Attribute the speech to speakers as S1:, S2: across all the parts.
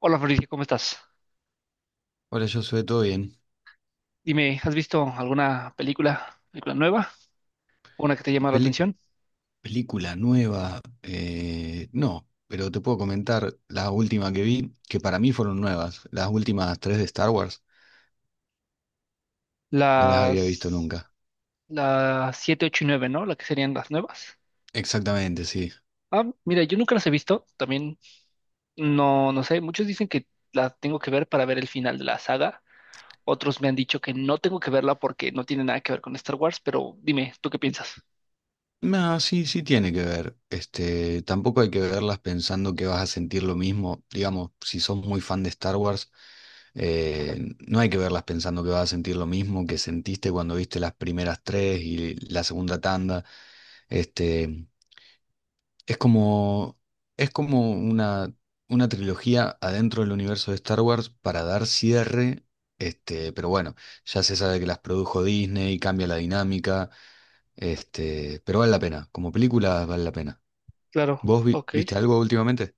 S1: Hola Fabricio, ¿cómo estás?
S2: Hola, yo soy todo bien.
S1: Dime, ¿has visto alguna película, nueva? ¿Una que te llama la
S2: Pelic-
S1: atención?
S2: película nueva, no, pero te puedo comentar la última que vi, que para mí fueron nuevas. Las últimas tres de Star Wars no las había visto
S1: Las,
S2: nunca.
S1: las 7, 8, y 9, ¿no? La que serían las nuevas.
S2: Exactamente, sí.
S1: Ah, mira, yo nunca las he visto, también no sé, muchos dicen que la tengo que ver para ver el final de la saga, otros me han dicho que no tengo que verla porque no tiene nada que ver con Star Wars, pero dime, ¿tú qué piensas?
S2: No, sí, sí tiene que ver. Este, tampoco hay que verlas pensando que vas a sentir lo mismo. Digamos, si sos muy fan de Star Wars, eh, no hay que verlas pensando que vas a sentir lo mismo que sentiste cuando viste las primeras tres y la segunda tanda. Este, Es como, es como una trilogía adentro del universo de Star Wars para dar cierre, pero bueno, ya se sabe que las produjo Disney, cambia la dinámica, pero vale la pena, como película vale la pena.
S1: Claro,
S2: ¿Vos
S1: ok.
S2: viste algo últimamente?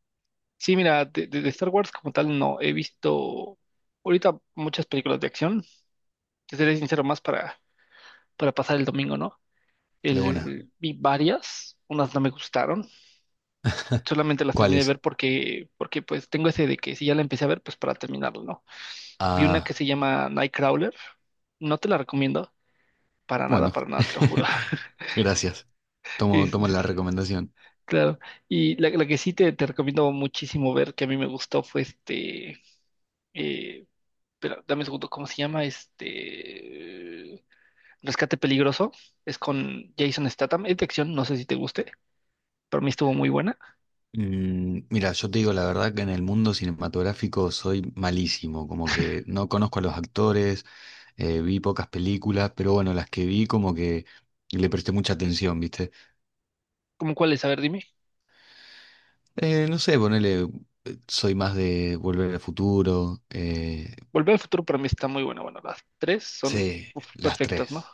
S1: Sí, mira, de Star Wars como tal no he visto ahorita muchas películas de acción, te seré sincero, más para pasar el domingo, ¿no?
S2: De buena.
S1: El, vi varias, unas no me gustaron, solamente las
S2: ¿Cuál
S1: terminé de
S2: es?
S1: ver porque pues tengo ese de que si ya la empecé a ver, pues para terminarlo, ¿no? Vi una que
S2: Ah,
S1: se llama Nightcrawler, no te la recomiendo,
S2: bueno,
S1: para nada, te lo juro.
S2: gracias. Tomo
S1: Es-
S2: la recomendación.
S1: claro, y la que sí te recomiendo muchísimo ver, que a mí me gustó, fue eh, espera, dame un segundo, ¿cómo se llama? Este, Rescate Peligroso, es con Jason Statham, es de acción, no sé si te guste, pero a mí estuvo muy buena.
S2: Mm, mira, yo te digo la verdad que en el mundo cinematográfico soy malísimo, como que no conozco a los actores, vi pocas películas, pero bueno, las que vi como que le presté mucha atención, ¿viste?
S1: ¿Cómo cuáles? A ver, dime.
S2: No sé, ponele, soy más de Volver al Futuro,
S1: Volver al futuro para mí está muy buena. Bueno, las tres son
S2: sí,
S1: uf,
S2: las
S1: perfectas, ¿no? Ok,
S2: tres.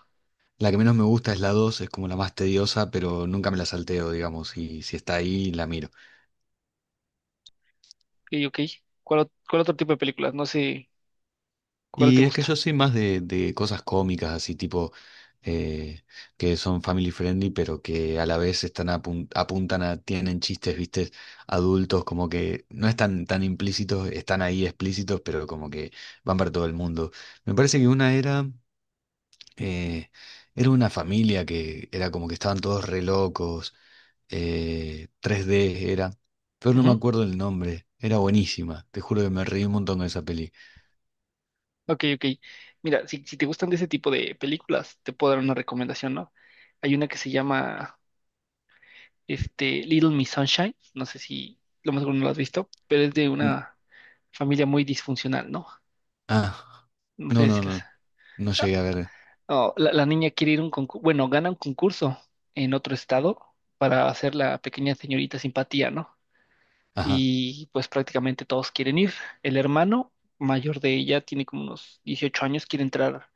S2: La que menos me gusta es la dos, es como la más tediosa, pero nunca me la salteo, digamos, y si está ahí, la miro.
S1: ok. ¿ Cuál otro tipo de películas? No sé cuál te
S2: Y es que yo
S1: gusta.
S2: soy más de cosas cómicas, así tipo, eh, que son family friendly, pero que a la vez están apuntan a, tienen chistes, viste, adultos, como que no están tan implícitos, están ahí explícitos, pero como que van para todo el mundo. Me parece que una era, eh, era una familia que era como que estaban todos re locos, 3D era, pero no me
S1: Ujú.
S2: acuerdo el nombre, era buenísima, te juro que me reí un montón de esa peli.
S1: Ok, ok. Mira, si te gustan de ese tipo de películas, te puedo dar una recomendación, ¿no? Hay una que se llama Little Miss Sunshine. No sé si lo más seguro no la has visto, pero es de
S2: Mm,
S1: una familia muy disfuncional, ¿no?
S2: ah.
S1: No
S2: No,
S1: sé si
S2: no,
S1: las...
S2: no. No llegué a ver.
S1: No, la niña quiere ir a un concurso, bueno, gana un concurso en otro estado para hacer la pequeña señorita simpatía, ¿no?
S2: Ajá.
S1: Y pues prácticamente todos quieren ir. El hermano mayor de ella tiene como unos 18 años,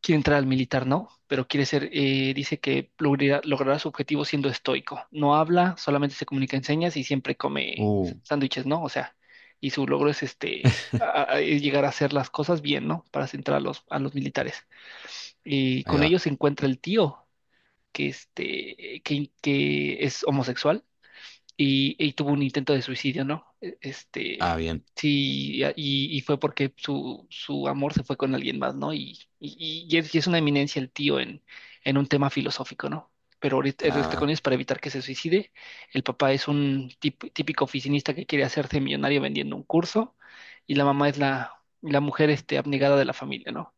S1: quiere entrar al militar, ¿no? Pero quiere ser, dice que logrará su objetivo siendo estoico. No habla, solamente se comunica en señas y siempre come
S2: Uh,
S1: sándwiches, ¿no? O sea, y su logro es es llegar a hacer las cosas bien, ¿no? Para entrar a los militares y
S2: ahí
S1: con
S2: va.
S1: ellos se encuentra el tío que es homosexual y tuvo un intento de suicidio, ¿no?
S2: Ah, bien.
S1: Sí, y fue porque su amor se fue con alguien más, ¿no? Es, y es una eminencia el tío en un tema filosófico, ¿no? Pero ahorita él está con
S2: Ah,
S1: ellos para evitar que se suicide. El papá es un típico oficinista que quiere hacerse millonario vendiendo un curso y la mamá es la mujer abnegada de la familia, ¿no?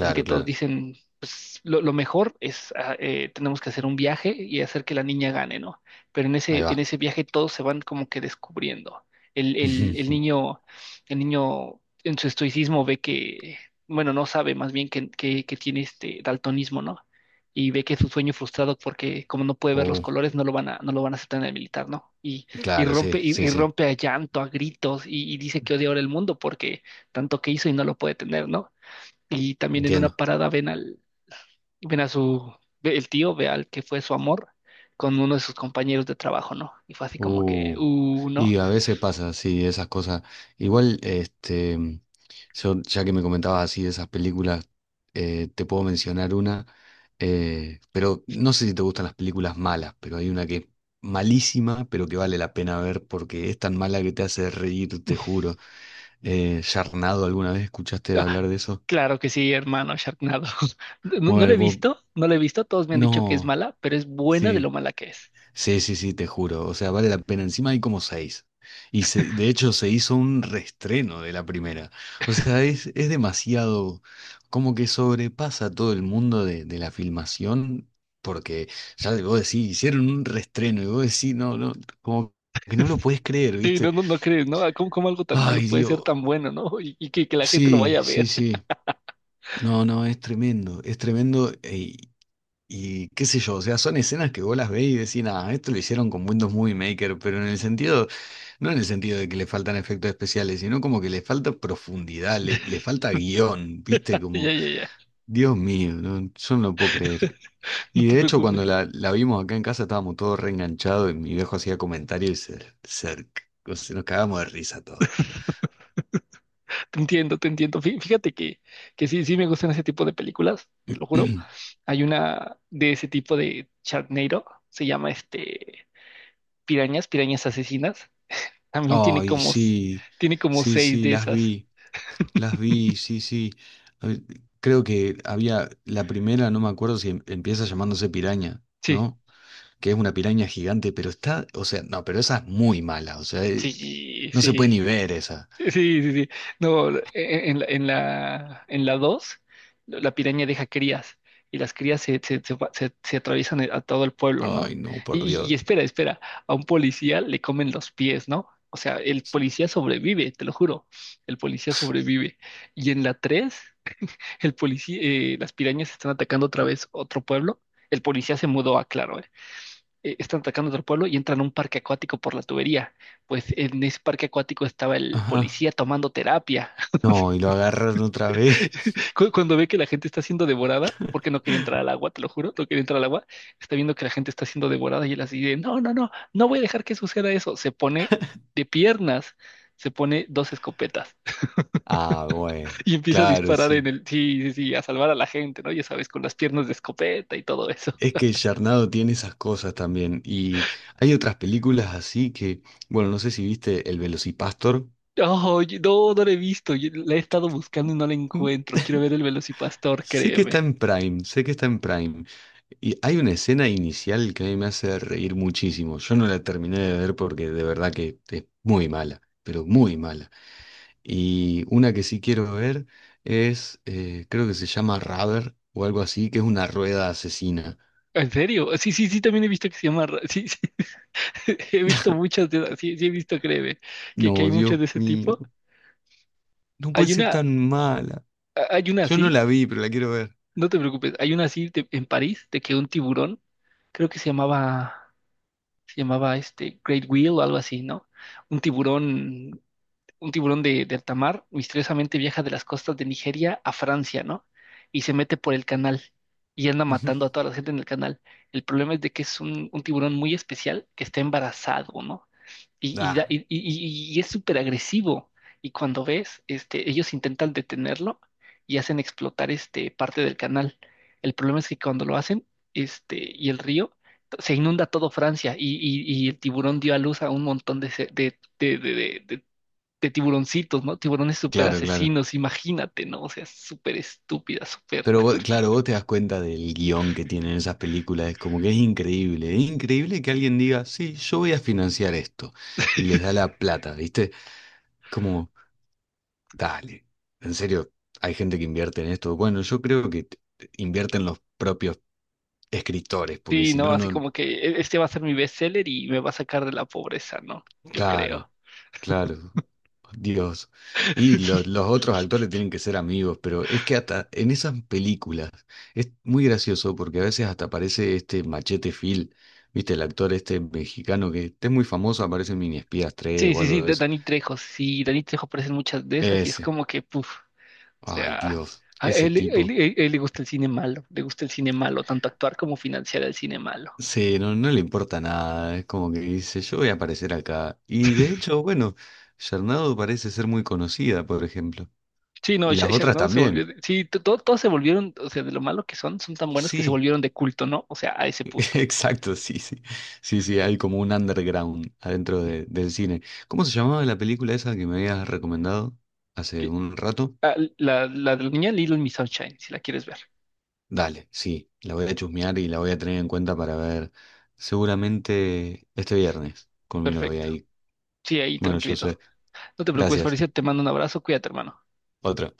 S1: Así que todos
S2: claro.
S1: dicen, pues lo mejor es, tenemos que hacer un viaje y hacer que la niña gane, ¿no? Pero
S2: Ahí va.
S1: en ese viaje todos se van como que descubriendo. El niño, el niño en su estoicismo ve que, bueno, no sabe más bien que tiene este daltonismo, ¿no? Y ve que es su sueño frustrado porque como no puede ver los
S2: Uh,
S1: colores, no lo van a aceptar en el militar, ¿no? Y,
S2: claro, sí, sí,
S1: y
S2: sí.
S1: rompe a llanto, a gritos, y dice que odia ahora el mundo porque tanto que hizo y no lo puede tener, ¿no? Y también en una
S2: Entiendo.
S1: parada ven al, ven a su, ve- el tío ve al que fue su amor con uno de sus compañeros de trabajo, ¿no? Y fue así como que,
S2: Uh,
S1: no.
S2: y a veces pasa, sí, esas cosas. Igual, yo, ya que me comentabas así de esas películas, te puedo mencionar una, pero no sé si te gustan las películas malas, pero hay una que es malísima, pero que vale la pena ver porque es tan mala que te hace reír, te juro. Yarnado, ¿alguna vez escuchaste
S1: Ah,
S2: hablar de eso?
S1: claro que sí, hermano, Sharknado. No,
S2: Bueno,
S1: no la he visto, no la he visto, todos me han dicho que es
S2: no,
S1: mala, pero es buena de lo
S2: sí,
S1: mala que es.
S2: sí, sí, sí, te juro. O sea, vale la pena. Encima hay como seis. De hecho se hizo un reestreno de la primera. O sea, es demasiado, como que sobrepasa todo el mundo de la filmación, porque ya vos decís, hicieron un reestreno y vos decís, no, no, como que no lo podés creer,
S1: Sí, no,
S2: ¿viste?
S1: no, no crees, ¿no? Ah, ¿cómo, cómo algo tan malo
S2: Ay,
S1: puede ser
S2: Dios.
S1: tan bueno, ¿no? Y, que la gente lo
S2: Sí,
S1: vaya a
S2: sí,
S1: ver.
S2: sí. No, no, es tremendo, es tremendo. Y qué sé yo, o sea, son escenas que vos las ves y decís, ah, esto lo hicieron con Windows Movie Maker, pero en el sentido, no en el sentido de que le faltan efectos especiales, sino como que le falta profundidad, le falta guión, ¿viste?
S1: Ya,
S2: Como,
S1: ya, ya.
S2: Dios mío, no, yo no lo puedo creer.
S1: No
S2: Y
S1: te
S2: de hecho,
S1: preocupes.
S2: cuando la vimos acá en casa estábamos todos reenganchados y mi viejo hacía comentarios y o sea, nos cagamos de risa todos.
S1: Te entiendo, te entiendo. Fíjate que sí, sí me gustan ese tipo de películas, te lo juro. Hay una de ese tipo de Sharknado, se llama Pirañas, Pirañas Asesinas. También tiene
S2: Ay,
S1: como,
S2: sí,
S1: tiene como
S2: sí,
S1: 6
S2: sí,
S1: de
S2: las
S1: esas.
S2: vi. Las vi, sí, sí. A ver, creo que había la primera, no me acuerdo si empieza llamándose piraña,
S1: Sí,
S2: ¿no? Que es una piraña gigante, pero está, o sea, no, pero esa es muy mala, o sea,
S1: sí,
S2: no se
S1: sí.
S2: puede ni ver esa.
S1: Sí, sí, sí, sí. No, en la 2, la piraña deja crías y las crías se atraviesan a todo el pueblo,
S2: Ay,
S1: ¿no?
S2: no, por Dios.
S1: Espera, espera, a un policía le comen los pies, ¿no? O sea, el policía sobrevive, te lo juro, el policía sobrevive. Y en la 3, el policía, las pirañas están atacando otra vez otro pueblo. El policía se mudó a Claro, ¿eh? Eh, están atacando otro pueblo y entran a un parque acuático por la tubería. Pues en ese parque acuático estaba el
S2: Ajá.
S1: policía tomando terapia.
S2: No, y lo agarraron otra vez.
S1: Cuando ve que la gente está siendo devorada, porque no quería entrar al agua, te lo juro, no quería entrar al agua, está viendo que la gente está siendo devorada y él así de, no, no, no, no voy a dejar que suceda eso. Se pone de piernas, se pone dos escopetas
S2: Ah, bueno,
S1: y empieza a
S2: claro,
S1: disparar en
S2: sí.
S1: el, sí, sí, sí, a salvar a la gente, ¿no? Ya sabes, con las piernas de escopeta y todo eso.
S2: Es que Charnado tiene esas cosas también. Y hay otras películas así que, bueno, no sé si viste El Velocipastor.
S1: Oh, no, no la he visto. Yo la he estado buscando y no la encuentro. Quiero ver el Velocipastor,
S2: Sé que está
S1: créeme.
S2: en Prime, sé que está en Prime. Y hay una escena inicial que a mí me hace reír muchísimo. Yo no la terminé de ver porque de verdad que es muy mala, pero muy mala. Y una que sí quiero ver es, creo que se llama Rubber o algo así, que es una rueda asesina.
S1: ¿En serio? Sí, sí, sí, también he visto que se llama. Sí, sí, he visto muchas de esas. Sí, sí, he visto, créeme, que
S2: No,
S1: hay muchas
S2: Dios
S1: de ese
S2: mío,
S1: tipo.
S2: no puede
S1: Hay
S2: ser
S1: una,
S2: tan mala.
S1: hay una
S2: Yo no
S1: así,
S2: la vi, pero la quiero ver.
S1: no te preocupes, hay una así en París, de que un tiburón, creo que se llamaba Great Wheel o algo así, ¿no? Un tiburón de alta mar misteriosamente viaja de las costas de Nigeria a Francia, ¿no? Y se mete por el canal y anda matando a toda la gente en el canal. El problema es de que es un tiburón muy especial que está embarazado, ¿no?
S2: Ah,
S1: Y es súper agresivo. Y cuando ves, ellos intentan detenerlo y hacen explotar parte del canal. El problema es que cuando lo hacen, y el río, se inunda todo Francia y, y el tiburón dio a luz a un montón de, tiburoncitos, ¿no? Tiburones súper
S2: claro, claro.
S1: asesinos, imagínate, ¿no? O sea, súper estúpida, súper...
S2: Claro, vos te das cuenta del guión que tienen esas películas, es como que es increíble que alguien diga, sí, yo voy a financiar esto, y les da la plata, ¿viste? Como, dale, en serio, hay gente que invierte en esto. Bueno, yo creo invierten los propios escritores, porque
S1: Sí,
S2: si
S1: ¿no?
S2: no,
S1: Así
S2: no,
S1: como que este va a ser mi bestseller y me va a sacar de la pobreza, ¿no? Yo
S2: claro,
S1: creo.
S2: claro, Dios. Y los otros actores tienen que ser amigos, pero es que hasta en esas películas es muy gracioso porque a veces hasta aparece este Machete Phil, ¿viste? El actor este mexicano que este es muy famoso, aparece en Mini Espías 3
S1: Sí,
S2: o
S1: sí,
S2: algo
S1: sí,
S2: de eso.
S1: Dani Trejo, sí, Dani Trejo aparece en muchas de esas y es
S2: Ese,
S1: como que, puf, o
S2: ay
S1: sea,
S2: Dios,
S1: a
S2: ese
S1: él,
S2: tipo.
S1: él le gusta el cine malo, le gusta el cine malo, tanto actuar como financiar el cine malo.
S2: Sí, no, no le importa nada, es como que dice, yo voy a aparecer acá. Y de hecho, bueno, Sharnado parece ser muy conocida, por ejemplo.
S1: Sí, no,
S2: Y las otras
S1: Sharknado se volvió,
S2: también.
S1: sí, todos se volvieron, o sea, de lo malo que son, son tan buenos que se
S2: Sí,
S1: volvieron de culto, ¿no? O sea, a ese punto.
S2: exacto, sí, sí. Sí, sí, hay como un underground adentro del cine. ¿Cómo se llamaba la película esa que me habías recomendado hace un rato?
S1: Ah, la de la niña Little Miss Sunshine, si la quieres ver.
S2: Dale, sí, la voy a chusmear y la voy a tener en cuenta para ver seguramente este viernes con mi novia
S1: Perfecto.
S2: ahí.
S1: Sí, ahí
S2: Bueno, yo
S1: tranquilito.
S2: sé.
S1: No te preocupes,
S2: Gracias.
S1: Fabricio, te mando un abrazo. Cuídate, hermano.
S2: Otro.